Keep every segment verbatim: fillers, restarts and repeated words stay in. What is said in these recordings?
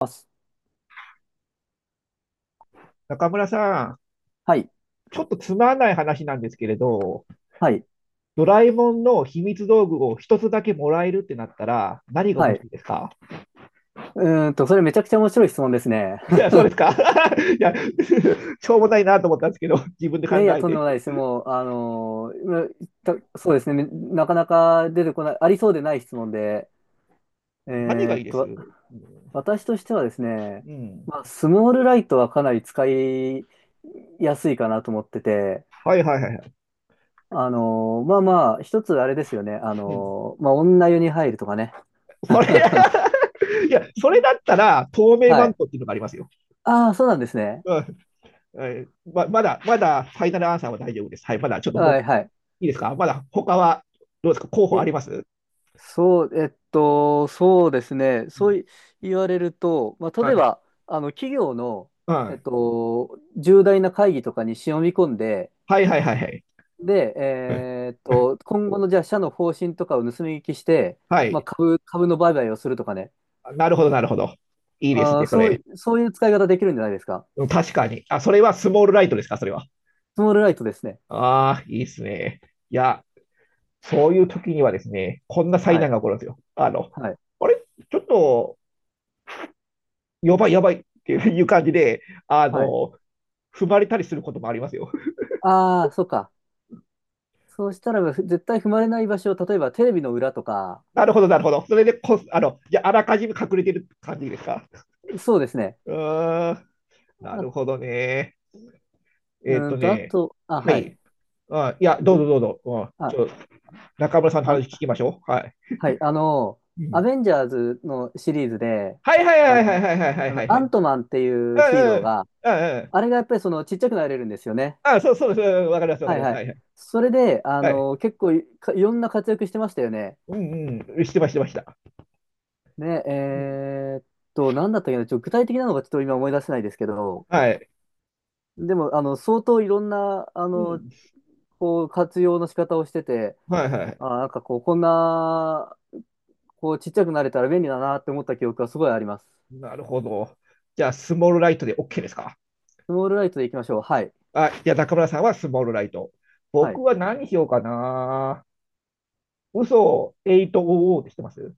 あす中村さん、はい。ちょっとつまんない話なんですけれど、はい。ドラえもんの秘密道具を一つだけもらえるってなったら、何がは欲しい。いですか？うーんと、それめちゃくちゃ面白い質問ですね。いや、そうで すか？ いや、しょうもないなと思ったんですけど、自分でい考やいや、えとんでて。もないです。もう、あのー今言ったそうですね。なかなか出てこない、ありそうでない質問で。え何がーいいっです？と、私としてはですね、うん。まあ、スモールライトはかなり使いやすいかなと思ってて、はいはいはいはい。あのーまあまあ、一つあれですよね。あうん、のーまあ、女湯に入るとかね。それ いや、それだったら、透明はマンい。トっていうのがありますよ。ああ、そうなんですね。うん。え、ま、まだ、まだ、ファイナルアンサーは大丈夫です。はい、まだちょっとど、はい、はい。いいですか？まだ、他は、どうですか？候補あります？そう、えっと、そうですね。うそん。うい言われると、まあ、は例えい。ば、あの、企業の、はえっい。と、重大な会議とかに忍び込んで、はいはいはいはい。で、うん。えーっうん。と、今後の、じゃあ、社の方針とかを盗み聞きして、はまあ、い。株、株の売買をするとかね。なるほど、なるほど。いいですあね、ー、そそう、れ。そういう使い方できるんじゃないですか。うん、確かに。あ、それはスモールライトですか、それは。スモールライトですね。ああ、いいですね。いや、そういう時にはですね、こんな災はい、難が起こるんですよ。あの、はい、あれ、ちょっと、やばい、やばいっていう感じで、あはい。の、踏まれたりすることもありますよ。ああ、そうか。そうしたら、絶対踏まれない場所を、例えば、テレビの裏とか、なるほど、なるほど。それでこ、あの、じゃあ、あらかじめ隠れてる感じですか。そうですね。うーん、なあ、るうほどね。えっーとんと、あね、と、あ、ははい。い。あ、いや、どうぞどうぞ。あ、ちあ、ょ、中村さんの話聞あ、きましょう。はい。はい、あの、うアん。ベンジャーズのシリーズで、はいはいあはいはいの、はいはいはいあはいの、はアい。ントマンっていううヒーんローうん。が、うんうん。あれがやっぱりそのちっちゃくなれるんですよね。あ、そうそうそう。わかりますわかはりいます。ははい。いはい。それで、あはい。の、結構い、かいろんな活躍してましたよね。うんうん。してました、してました。ね、うん。えーっと、なんだったっけな、ちょ、具体的なのがちょっと今思い出せないですけど、はい。でも、あの、相当いろんな、あうの、ん。こう、活用の仕方をしてて、はいはい。あー、なんかこう、こんな、こう、ちっちゃくなれたら便利だなって思った記憶がすごいあります。なるほど。じゃあ、スモールライトで OK ですか？スモールライトでいきましょう。はい。あ、じゃあ中村さんはスモールライト。は僕い。は何しようかな。嘘をはっぴゃく ってしてます？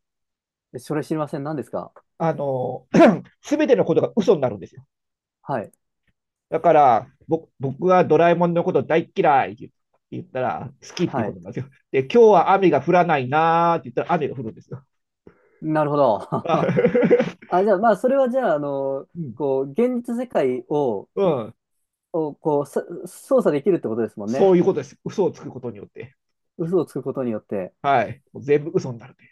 えそれ知りません。何ですか。あの、すべてのことが嘘になるんですよ。はい。だから、僕僕はドラえもんのこと大嫌いって言ったら、好きっていうはこい。となんですよ。で、今日は雨が降らないなーって言ったら雨が降るんですよ。なるほど。あ、じゃあ、まあ、それはじゃあ、あの、うん、こう、現実世界を、うん、をこう、さ操作できるってことですもんそね。ういうことです。嘘をつくことによって。嘘をつくことによって。はい。もう全部嘘になるって。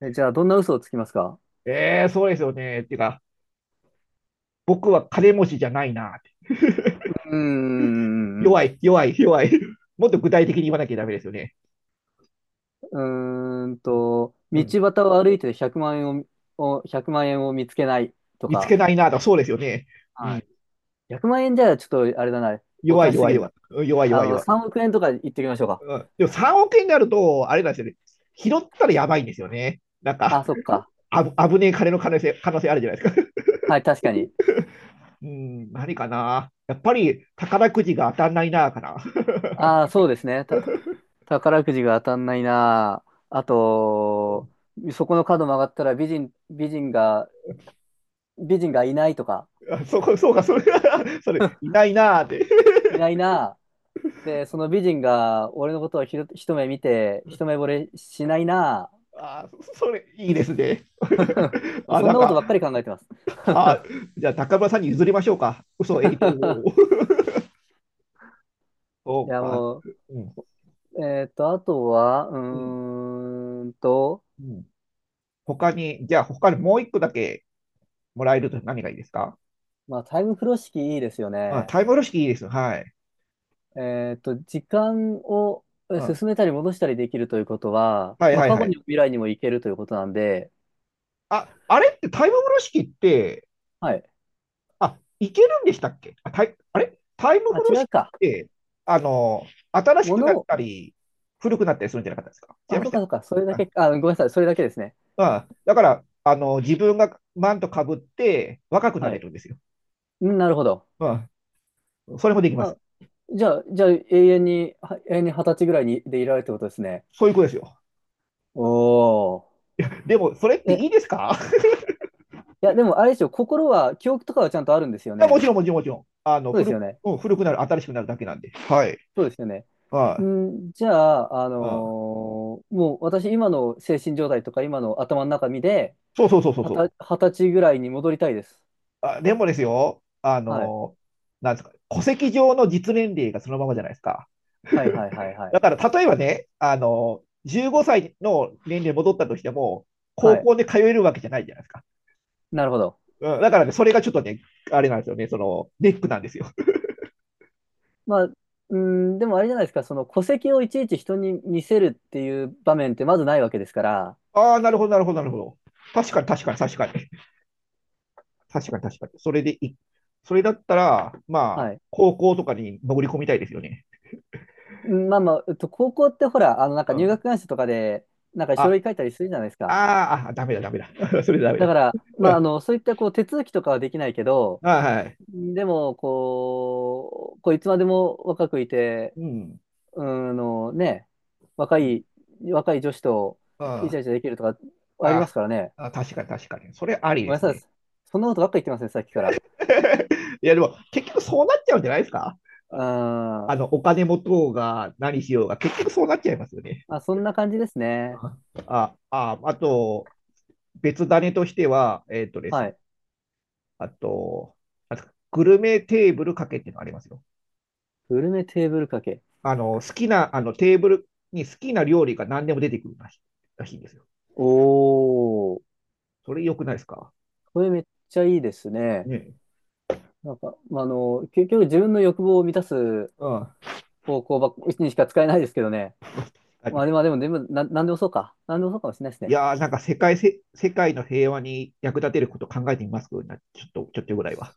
え、じゃあ、どんな嘘をつきますか。えーそうですよね。っていうか、僕は金持ちじゃないなーって。うーん、弱い、弱い、弱い。もっと具体的に言わなきゃダメですよね。うーんと、う道ん、端を歩いてひゃくまん円を、を、万円を見つけないと見つけか。ないなーと、そうですよね。うはい。ん、ひゃくまん円じゃちょっと、あれだな。お弱とない、しす弱い、ぎる弱い。な。うん、弱い、あ弱い、弱い、弱い、弱い、の、弱3い。億円とか言っておきましょうか。うん、でもさんおく円になると、あれなんですよね。拾ったらやばいんですよね。なんか、あ、そっか。あぶ、危ねえ金の可能性可能性あるじゃないですか。はい、確かに。うん、何かな。やっぱり宝くじが当たんないな、かな。ああ、そうですね。た、宝くじが当たんないなあ。あと、そこの角曲がったら美人、美人が、美人がいないとか、あ、そうか、そうか、それ それ、いないなーって。いないなあ。で、その美人が俺のことをひろ一目見て、一目惚れしないな あ、それ、いいですね。あ。あ、そんなんなことばっか、かり考えてます。あ、 じゃあ、高村さんに譲りましょうか。嘘、えいと、おー、そいうや、か。もうん、う、えーっと、あとは、ううん、ーんと、うん。他に、じゃあ、他にもう一個だけもらえると何がいいですか？まあ、タイム風呂敷いいですよまあ、ね。タイムロ式いいです。はい。えっと、時間をえうん、進めたり戻したりできるということは、はいまあ、はい過は去い。にも未来にも行けるということなんで、あ、あれってタイム風呂敷って、はい。あ、いけるんでしたっけ？あ、タイ、あれタイムあ、風呂違敷うっか。て、あの、新しもくなのっを、たり、古くなったりするんじゃなかったですか？違いあ、まそしうたかよ。そうか。それだあ、け、あ、ごめんなさい。それだけですね。まあ、だから、あの、自分がマントかぶって若くなはれい。るんですよ。うん、なるほど。まあ、それもできまあ、す。じゃあ、じゃあ、永遠に、は永遠に二十歳ぐらいにでいられるってことですね。そういうことですよ。おー。でも、それってえ、いいいですか？ や、でも、あれでしょ、心は、記憶とかはちゃんとあるんですよあ、もね。ちろん、もちろん、もちろん。あの、そうです古く、よね。うん、古くなる、新しくなるだけなんで。はい。そうですよね。あん、じゃあ、ああ、ああ、のーもう私、今の精神状態とか、今の頭の中身で、そうそうそうそうはそう。た、二十歳ぐらいに戻りたいです。あ、でもですよ、あはい。の、なんですか、戸籍上の実年齢がそのままじゃないですか。はいはいはいはい。だから、例えばね、あの、じゅうごさいの年齢に戻ったとしても、は高い。校で通えるわけじゃないじゃないですか。なるほど。うん、だからね、それがちょっとね、あれなんですよね、その、ネックなんですよ。まあ、うん、でもあれじゃないですか、その戸籍をいちいち人に見せるっていう場面ってまずないわけですから、ああ、なるほど、なるほど、なるほど。確かに、確かに、確かに。確かに、確かに。それでい、それだったら、まあ、はい。高校とかに潜り込みたいですよね。うんまあまあ、えっと、高校ってほら、あの、なんかう入ん。学願書とかで、なんか書あ、類書いたりするじゃないですか。あーあ、ダメだ、ダメだ。それダメだだ。から、うまあ、あん。の、そういったこう手続きとかはできないけど、あー、はい。でも、こう、こういつまでも若くいて、うん。うーんのね、若い、若い女子とうん、イチャあイチャできるとかありまあ、すからね。あ、確かに、確かに。それありごでめんすなさね。い。そんなことばっか言ってますね、さっきから。いや、でも結局そうなっちゃうんじゃないですか？うあ、ーん。あの、お金持とうが何しようが結局そうなっちゃいますよね。あ、そんな感じですね。あ、あ、ああと、別種としては、えっとですはね、い。あと、あと、グルメテーブルかけっていうのがありますよ。グルメテーブル掛け。あの、好きな、あの、テーブルに好きな料理が何でも出てくるらしいらしいんですよ。おー。それ良くないですか？これめっちゃいいですね。ね。なんか、まあ、あの、結局自分の欲望を満たすうん。方向ばっにしか使えないですけどね。確かまあでに。も、でも、でも、な、なんでもそうか。なんでもそうかもしれないですいね。やー、なんか世界せ、世界の平和に役立てること考えてみますな、ちょっと、ちょっとぐらいは。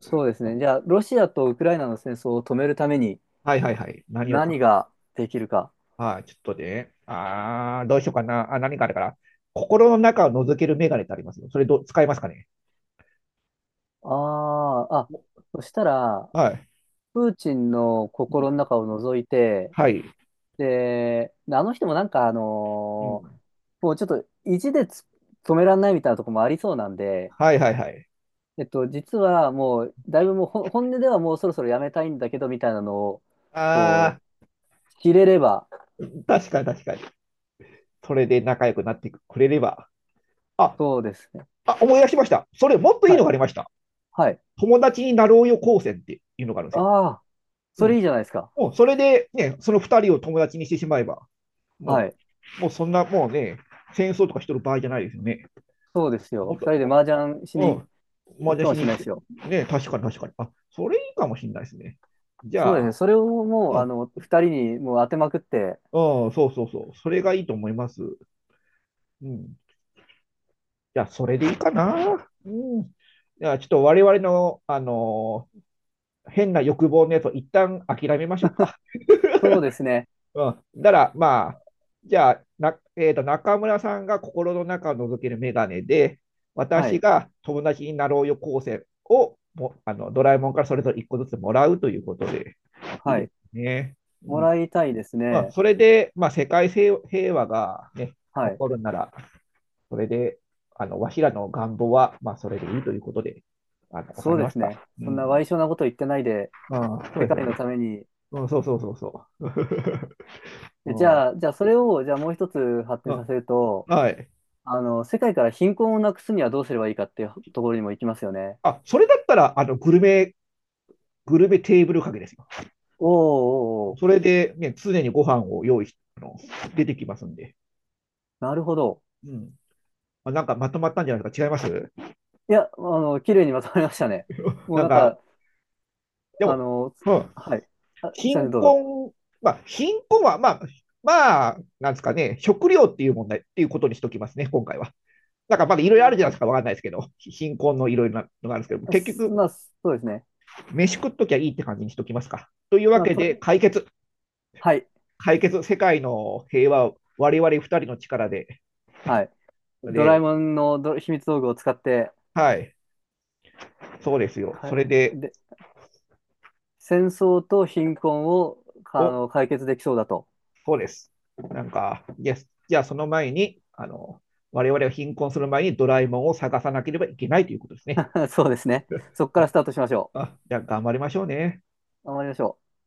そうですね。じゃあ、ロシアとウクライナの戦争を止めるためにはいはいはい。何をか、何ができるか。はい、ちょっとね。あー、どうしようかな。あ、何かあるから。心の中を覗けるメガネってありますよ。それどう、使いますかね。ああ、あ、そしたら、はい。プーチンのうん。心の中を覗いて、はい。で、あの人もなんか、あうのーん。もうちょっと意地でつ止めらんないみたいなところもありそうなんで、はいはいはい。えっと、実はもう、だいぶもうほ本音ではもうそろそろやめたいんだけど、みたいなのを、こあう、知れれば、ー、確かに、確かに。それで仲良くなってくれれば。あ、そうですね。あ、思い出しました。それもっといいはい、のがありました。はい。友達になろうよ高専っていうのがあるんですよ。ああ、そうれん。いいじゃないですか。もうそれでね、その二人を友達にしてしまえば。はもい。う、もうそんな、もうね、戦争とかしてる場合じゃないですよね。そうですよ。もっ二と、人でも麻雀しうにん、ま行くだかもししに、れないですよ。ね、確かに、確かに。あ、それいいかもしれないですね。じそうでゃすあ、ね。それをもう、うあん、の、二人にもう当てまくって、うん、そうそうそう、それがいいと思います。うん。じゃあ、それでいいあかな。うん。じゃあ、ちょっと我々の、あのー変な欲望のやつを一旦諦めましょうか。そうですね。うん。だから、まあ、じゃあ、な、えっと、中村さんが心の中を覗けるメガネで、は私い。が友達になろうよ構成をも、あの、ドラえもんからそれぞれいっこずつもらうということで、いいはでい。すね。うもん。らいたいですまあ、ね。それで、まあ、世界平平和がね、起はい。こるなら、それで、あの、わしらの願望は、まあ、それでいいということで、あの、収そめうでましすた。ね。うそんなん。賠償なこと言ってないで、まあ、そう世です界よのね。ために。うん、そうそうそうそう。えじうゃあ、じゃあ、それを、じゃあもう一つ発ん、展うさん、せると、はい。あの、世界から貧困をなくすにはどうすればいいかっていうところにも行きますよね。あ、それだったら、あの、グルメ、グルメテーブルかけですよ。おーおーおそれで、ね、常にご飯を用意し、あの、出てきますんで。ーなるほど。うん。まあ、なんかまとまったんじゃないですか？違います？いや、あの、綺麗にまとまりましたね。もうなんなんか、か、であも、の、うん。はい。あ、すいません、貧どうぞ。困、まあ、貧困は、まあ、まあ、なんですかね、食料っていう問題っていうことにしときますね、今回は。なんかまだいろいうろあんるじゃないですか、わかんないですけど、貧困のいろいろなのがあるんですけど、あ結す局、まあ、そうですね。飯食っときゃいいって感じにしときますか。というわまあ、けとで、り、解決、はい、解決、世界の平和を我々二人の力で、はい。ドラえで、もんのど秘密道具を使って、はい、そうですよ。かそい、れで、で、戦争と貧困を、あお、の、解決できそうだと。そうです。なんか、イエス。じゃあその前に、あの、我々が貧困する前にドラえもんを探さなければいけないということですね。そうですね。そこ からスタートしましょあ、じゃあ頑張りましょうね。う。頑張りましょう。